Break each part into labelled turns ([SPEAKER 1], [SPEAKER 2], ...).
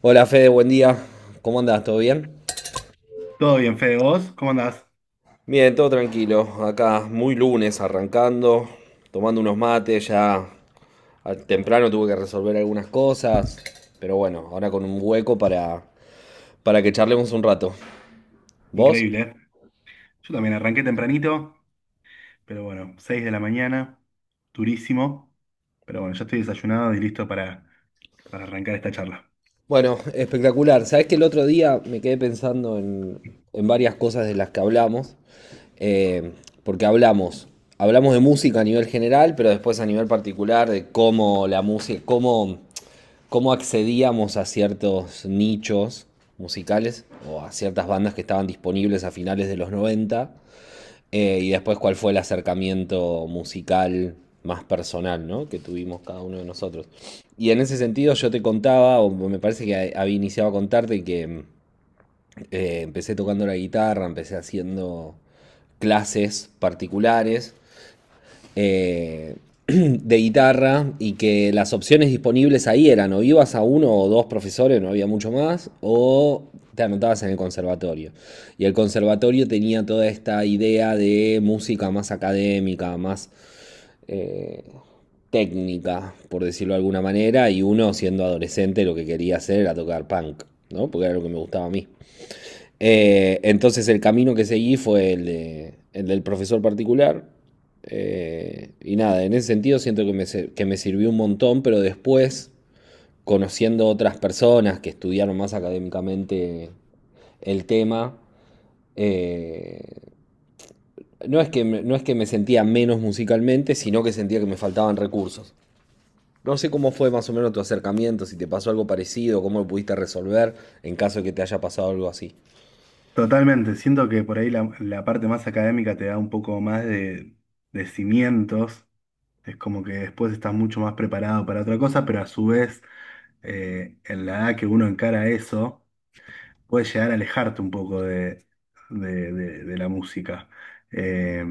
[SPEAKER 1] Hola Fede, buen día. ¿Cómo andás? ¿Todo bien?
[SPEAKER 2] Todo bien, Fede, ¿vos? ¿Cómo andás?
[SPEAKER 1] Bien, todo tranquilo. Acá muy lunes arrancando, tomando unos mates, ya temprano tuve que resolver algunas cosas, pero bueno, ahora con un hueco para que charlemos un rato. ¿Vos?
[SPEAKER 2] Increíble, ¿eh? Yo también arranqué tempranito, pero bueno, 6 de la mañana, durísimo. Pero bueno, ya estoy desayunado y listo para arrancar esta charla.
[SPEAKER 1] Bueno, espectacular. Sabés que el otro día me quedé pensando en varias cosas de las que hablamos, eh, porque hablamos de música a nivel general, pero después a nivel particular de cómo la música, cómo accedíamos a ciertos nichos musicales o a ciertas bandas que estaban disponibles a finales de los noventa, y después cuál fue el acercamiento musical más personal, ¿no?, que tuvimos cada uno de nosotros. Y en ese sentido yo te contaba, o me parece que había iniciado a contarte que, empecé tocando la guitarra, empecé haciendo clases particulares, eh, de guitarra, y que las opciones disponibles ahí eran o ibas a uno o dos profesores, no había mucho más, o te anotabas en el conservatorio. Y el conservatorio tenía toda esta idea de música más académica, más, eh, técnica, por decirlo de alguna manera, y uno siendo adolescente lo que quería hacer era tocar punk, ¿no? Porque era lo que me gustaba a mí. Entonces el camino que seguí fue el del profesor particular. Y nada, en ese sentido siento que que me sirvió un montón, pero después, conociendo otras personas que estudiaron más académicamente el tema, eh, no es que me sentía menos musicalmente, sino que sentía que me faltaban recursos. No sé cómo fue más o menos tu acercamiento, si te pasó algo parecido, cómo lo pudiste resolver en caso de que te haya pasado algo así.
[SPEAKER 2] Totalmente, siento que por ahí la parte más académica te da un poco más de cimientos. Es como que después estás mucho más preparado para otra cosa, pero a su vez, en la edad que uno encara eso, puedes llegar a alejarte un poco de la música. Eh,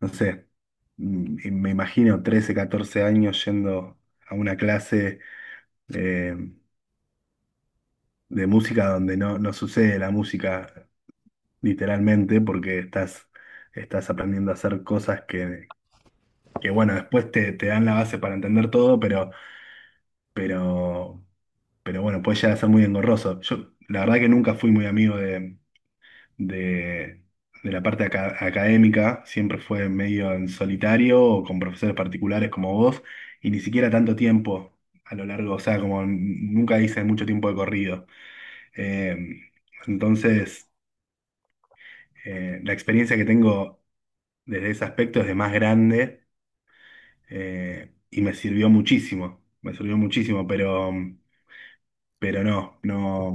[SPEAKER 2] no sé, y me imagino 13, 14 años yendo a una clase eh, de música donde no sucede la música literalmente porque estás aprendiendo a hacer cosas que bueno, después te dan la base para entender todo, pero, pero bueno, puede llegar a ser muy engorroso. Yo la verdad que nunca fui muy amigo de, de la parte académica, siempre fue medio en solitario o con profesores particulares como vos, y ni siquiera tanto tiempo a lo largo, o sea, como nunca hice mucho tiempo de corrido. Eh, entonces, la experiencia que tengo desde ese aspecto es de más grande y me sirvió muchísimo, pero no, no.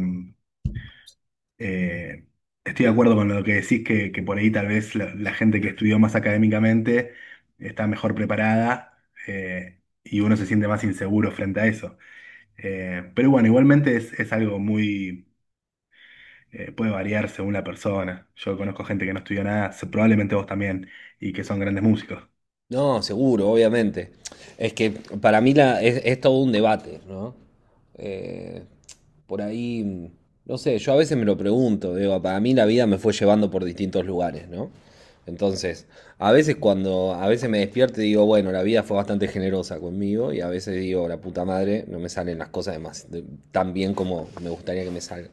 [SPEAKER 2] Eh, Estoy de acuerdo con lo que decís, que por ahí tal vez la gente que estudió más académicamente está mejor preparada y uno se siente más inseguro frente a eso. Pero bueno, igualmente es algo muy, puede variar según la persona. Yo conozco gente que no estudió nada, probablemente vos también, y que son grandes músicos.
[SPEAKER 1] No, seguro, obviamente. Es que para mí es todo un debate, ¿no? Eh, por ahí, no sé, yo a veces me lo pregunto, digo, para mí la vida me fue llevando por distintos lugares, ¿no? Entonces, a veces me despierto y digo, bueno, la vida fue bastante generosa conmigo, y a veces digo, la puta madre, no me salen las cosas tan bien como me gustaría que me salgan.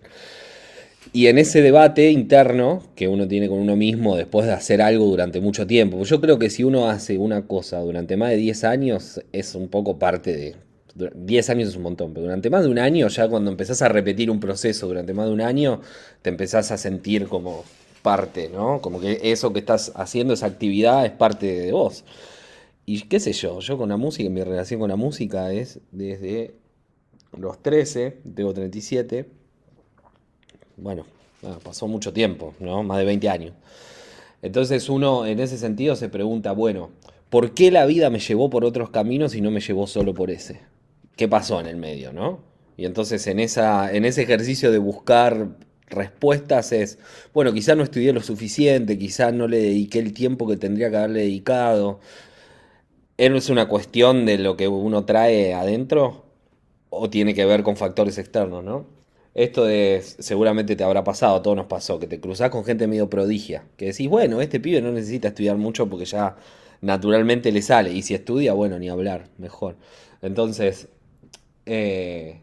[SPEAKER 1] Y en ese debate interno que uno tiene con uno mismo después de hacer algo durante mucho tiempo, pues yo creo que si uno hace una cosa durante más de 10 años, es un poco parte de. 10 años es un montón, pero durante más de un año, ya cuando empezás a repetir un proceso durante más de un año, te empezás a sentir como parte, ¿no? Como que eso que estás haciendo, esa actividad, es parte de vos. Y qué sé yo, yo con la música, mi relación con la música es desde los 13, tengo 37, bueno, pasó mucho tiempo, ¿no? Más de 20 años. Entonces uno en ese sentido se pregunta, bueno, ¿por qué la vida me llevó por otros caminos y no me llevó solo por ese? ¿Qué pasó en el medio, no? Y entonces en ese ejercicio de buscar respuestas es, bueno, quizá no estudié lo suficiente, quizá no le dediqué el tiempo que tendría que haberle dedicado. ¿Es una cuestión de lo que uno trae adentro? ¿O tiene que ver con factores externos, no? Esto de, seguramente te habrá pasado, a todos nos pasó, que te cruzás con gente medio prodigia, que decís, bueno, este pibe no necesita estudiar mucho porque ya naturalmente le sale, y si estudia, bueno, ni hablar, mejor. Entonces, eh,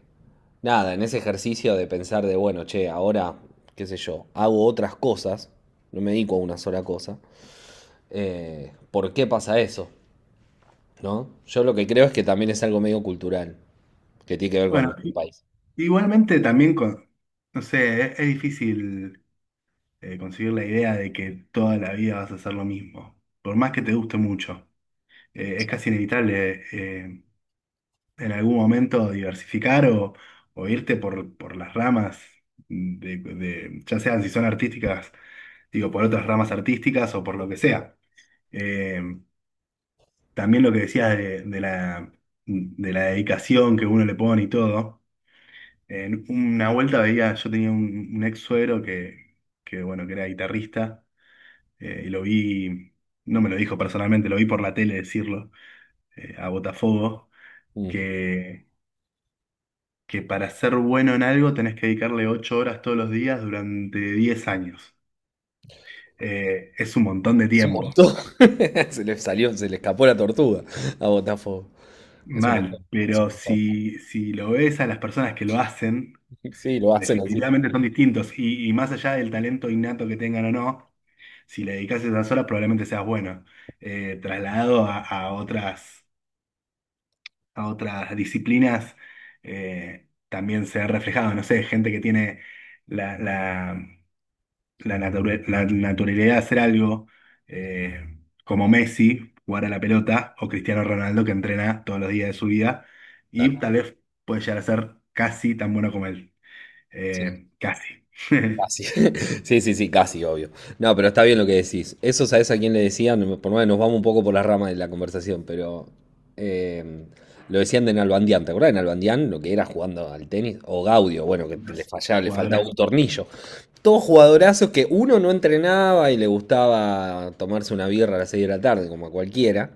[SPEAKER 1] nada, en ese ejercicio de pensar de, bueno, che, ahora, qué sé yo, hago otras cosas, no me dedico a una sola cosa, ¿por qué pasa eso?, ¿no? Yo lo que creo es que también es algo medio cultural, que tiene que ver con
[SPEAKER 2] Bueno,
[SPEAKER 1] nuestro país.
[SPEAKER 2] igualmente también, con, no sé, es difícil concebir la idea de que toda la vida vas a hacer lo mismo, por más que te guste mucho. Es casi inevitable en algún momento diversificar o, irte por, las ramas, ya sean si son artísticas, digo, por otras ramas artísticas o por lo que sea. Eh, También lo que decías de la dedicación que uno le pone y todo. En una vuelta veía, yo tenía un ex suegro que, bueno, que era guitarrista y lo vi, no me lo dijo personalmente, lo vi por la tele decirlo, a Botafogo
[SPEAKER 1] Mm.
[SPEAKER 2] que que para ser bueno en algo tenés que dedicarle 8 horas todos los días durante 10 años. Es un montón de
[SPEAKER 1] Es un
[SPEAKER 2] tiempo.
[SPEAKER 1] montón. Se le salió, se le escapó la tortuga a Botafogo. Es un montón,
[SPEAKER 2] Mal,
[SPEAKER 1] es un
[SPEAKER 2] pero
[SPEAKER 1] montón.
[SPEAKER 2] si lo ves a las personas que lo hacen,
[SPEAKER 1] Sí, lo hacen así.
[SPEAKER 2] definitivamente son distintos. Y más allá del talento innato que tengan o no, si le dedicas esas horas probablemente seas bueno. Trasladado a otras disciplinas, también se ha reflejado, no sé, gente que tiene la, la la naturalidad de hacer algo eh, como Messi, jugar a la pelota, o Cristiano Ronaldo, que entrena todos los días de su vida, y
[SPEAKER 1] Claro,
[SPEAKER 2] tal vez puede llegar a ser casi tan bueno como él.
[SPEAKER 1] sí.
[SPEAKER 2] Casi.
[SPEAKER 1] Así. Sí, sí, sí, casi, obvio. No, pero está bien lo que decís. Eso sabes a quién le decían, por lo menos nos vamos un poco por las ramas de la conversación, pero, eh, lo decían de Nalbandián, ¿te acordás de Nalbandián? Lo que era jugando al tenis, o Gaudio, bueno, que le
[SPEAKER 2] Las
[SPEAKER 1] fallaba, le faltaba
[SPEAKER 2] jugadoras.
[SPEAKER 1] un tornillo. Todos jugadorazos que uno no entrenaba y le gustaba tomarse una birra a las 6 de la tarde, como a cualquiera.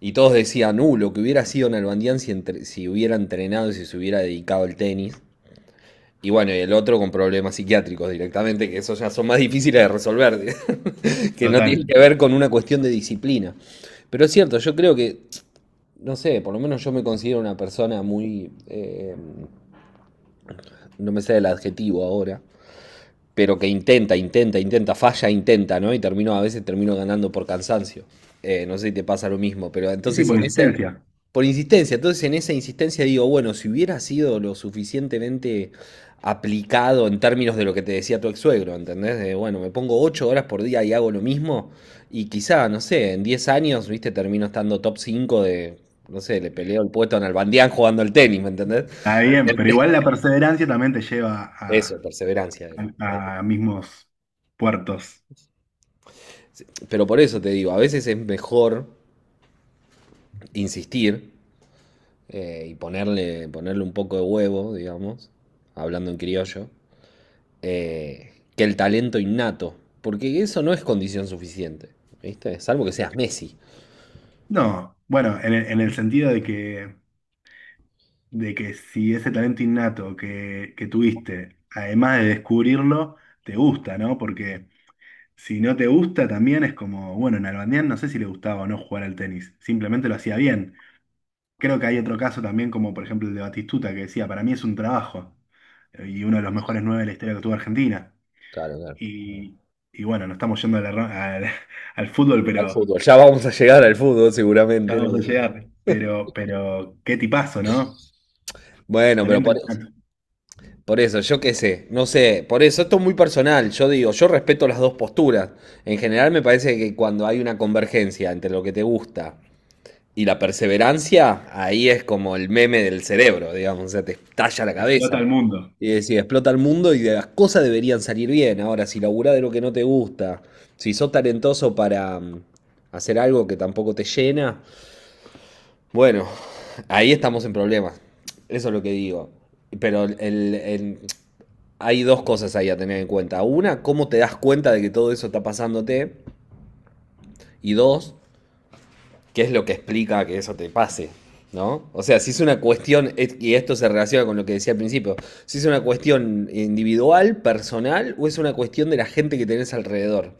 [SPEAKER 1] Y todos decían, lo que hubiera sido Nalbandián si, si hubiera entrenado y si se hubiera dedicado al tenis. Y bueno, y el otro con problemas psiquiátricos directamente, que esos ya son más difíciles de resolver, que no tienen
[SPEAKER 2] Total.
[SPEAKER 1] que ver con una cuestión de disciplina. Pero es cierto, yo creo que, no sé, por lo menos yo me considero una persona muy, no me sé el adjetivo ahora, pero que intenta, intenta, intenta, falla, intenta, ¿no? Y termino, a veces termino ganando por cansancio. No sé si te pasa lo mismo, pero
[SPEAKER 2] Sí, sí,
[SPEAKER 1] entonces
[SPEAKER 2] por
[SPEAKER 1] en ese,
[SPEAKER 2] insistencia.
[SPEAKER 1] por insistencia, entonces en esa insistencia digo, bueno, si hubiera sido lo suficientemente aplicado en términos de lo que te decía tu ex suegro, ¿entendés? De, bueno, me pongo 8 horas por día y hago lo mismo y quizá, no sé, en 10 años, viste, termino estando top 5 de, no sé, le peleo el puesto en Albandián jugando al tenis, ¿me entendés?
[SPEAKER 2] Está bien, pero igual la perseverancia también te lleva
[SPEAKER 1] Eso,
[SPEAKER 2] a,
[SPEAKER 1] perseverancia, era,
[SPEAKER 2] a- a mismos puertos.
[SPEAKER 1] pero por eso te digo, a veces es mejor insistir, y ponerle un poco de huevo, digamos, hablando en criollo, que el talento innato. Porque eso no es condición suficiente, ¿viste? Salvo que seas Messi.
[SPEAKER 2] No, bueno, en el sentido de que si ese talento innato que tuviste, además de descubrirlo, te gusta, ¿no? Porque si no te gusta, también es como, bueno, en Nalbandián no sé si le gustaba o no jugar al tenis, simplemente lo hacía bien. Creo que hay otro caso también, como por ejemplo el de Batistuta, que decía, para mí es un trabajo, y uno de los mejores nueve de la historia que tuvo Argentina.
[SPEAKER 1] Al
[SPEAKER 2] Y, y bueno, no estamos yendo a al fútbol, pero
[SPEAKER 1] fútbol. Ya vamos a llegar al fútbol
[SPEAKER 2] ya
[SPEAKER 1] seguramente.
[SPEAKER 2] vamos a llegar. Pero qué tipazo, ¿no?
[SPEAKER 1] Bueno, pero
[SPEAKER 2] Talento innato,
[SPEAKER 1] por eso, yo qué sé, no sé, por eso esto es muy personal. Yo digo, yo respeto las dos posturas. En general me parece que cuando hay una convergencia entre lo que te gusta y la perseverancia, ahí es como el meme del cerebro, digamos, o sea, te estalla la
[SPEAKER 2] explota
[SPEAKER 1] cabeza.
[SPEAKER 2] al mundo.
[SPEAKER 1] Y decís, explota el mundo y de las cosas deberían salir bien. Ahora, si laburás de lo que no te gusta, si sos talentoso para hacer algo que tampoco te llena, bueno, ahí estamos en problemas. Eso es lo que digo. Pero hay dos cosas ahí a tener en cuenta. Una, cómo te das cuenta de que todo eso está pasándote. Y dos, qué es lo que explica que eso te pase, ¿no? O sea, si es una cuestión, y esto se relaciona con lo que decía al principio, si es una cuestión individual, personal, o es una cuestión de la gente que tenés alrededor,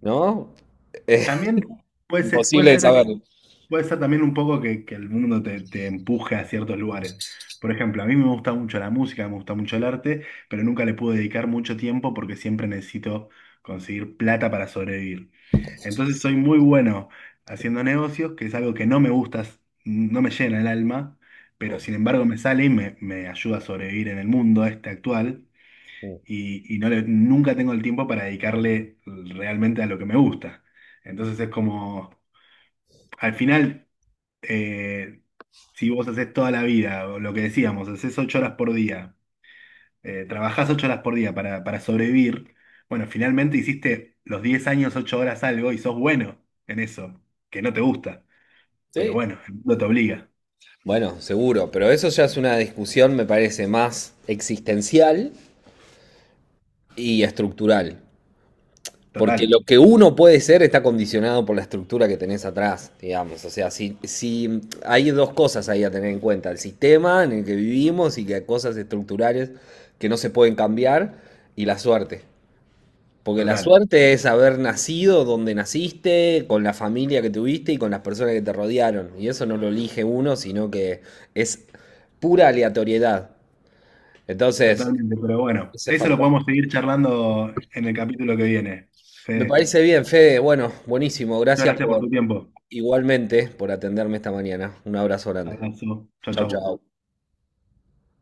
[SPEAKER 1] ¿no?
[SPEAKER 2] También
[SPEAKER 1] Es
[SPEAKER 2] puede ser, puede
[SPEAKER 1] imposible de
[SPEAKER 2] ser, que-
[SPEAKER 1] saberlo.
[SPEAKER 2] puede ser también un poco que el mundo te empuje a ciertos lugares. Por ejemplo, a mí me gusta mucho la música, me gusta mucho el arte, pero nunca le pude dedicar mucho tiempo porque siempre necesito conseguir plata para sobrevivir. Entonces soy muy bueno haciendo negocios, que es algo que no me gusta, no me llena el alma, pero
[SPEAKER 1] Oh,
[SPEAKER 2] sin embargo me sale y me ayuda a sobrevivir en el mundo este actual
[SPEAKER 1] oh.
[SPEAKER 2] y nunca tengo el tiempo para dedicarle realmente a lo que me gusta. Entonces es como, al final, eh, si vos haces toda la vida, o lo que decíamos, haces 8 horas por día, trabajás 8 horas por día para sobrevivir, bueno, finalmente hiciste los 10 años, 8 horas algo y sos bueno en eso, que no te gusta, pero
[SPEAKER 1] Sí.
[SPEAKER 2] bueno, el mundo te obliga,
[SPEAKER 1] Bueno, seguro, pero eso ya es una discusión, me parece, más existencial y estructural. Porque
[SPEAKER 2] total,
[SPEAKER 1] lo que uno puede ser está condicionado por la estructura que tenés atrás, digamos. O sea, si hay dos cosas ahí a tener en cuenta, el sistema en el que vivimos y que hay cosas estructurales que no se pueden cambiar, y la suerte. Porque la
[SPEAKER 2] total.
[SPEAKER 1] suerte es haber nacido donde naciste, con la familia que tuviste y con las personas que te rodearon. Y eso no lo elige uno, sino que es pura aleatoriedad. Entonces,
[SPEAKER 2] Totalmente, pero bueno,
[SPEAKER 1] ese
[SPEAKER 2] eso lo
[SPEAKER 1] factor.
[SPEAKER 2] podemos seguir charlando en el capítulo que viene.
[SPEAKER 1] Me
[SPEAKER 2] Fede,
[SPEAKER 1] parece bien, Fede. Bueno, buenísimo.
[SPEAKER 2] muchas
[SPEAKER 1] Gracias
[SPEAKER 2] gracias por
[SPEAKER 1] por.
[SPEAKER 2] tu tiempo.
[SPEAKER 1] Igualmente por atenderme esta mañana. Un abrazo grande.
[SPEAKER 2] Abrazo. Chao,
[SPEAKER 1] Chau,
[SPEAKER 2] chao.
[SPEAKER 1] chau.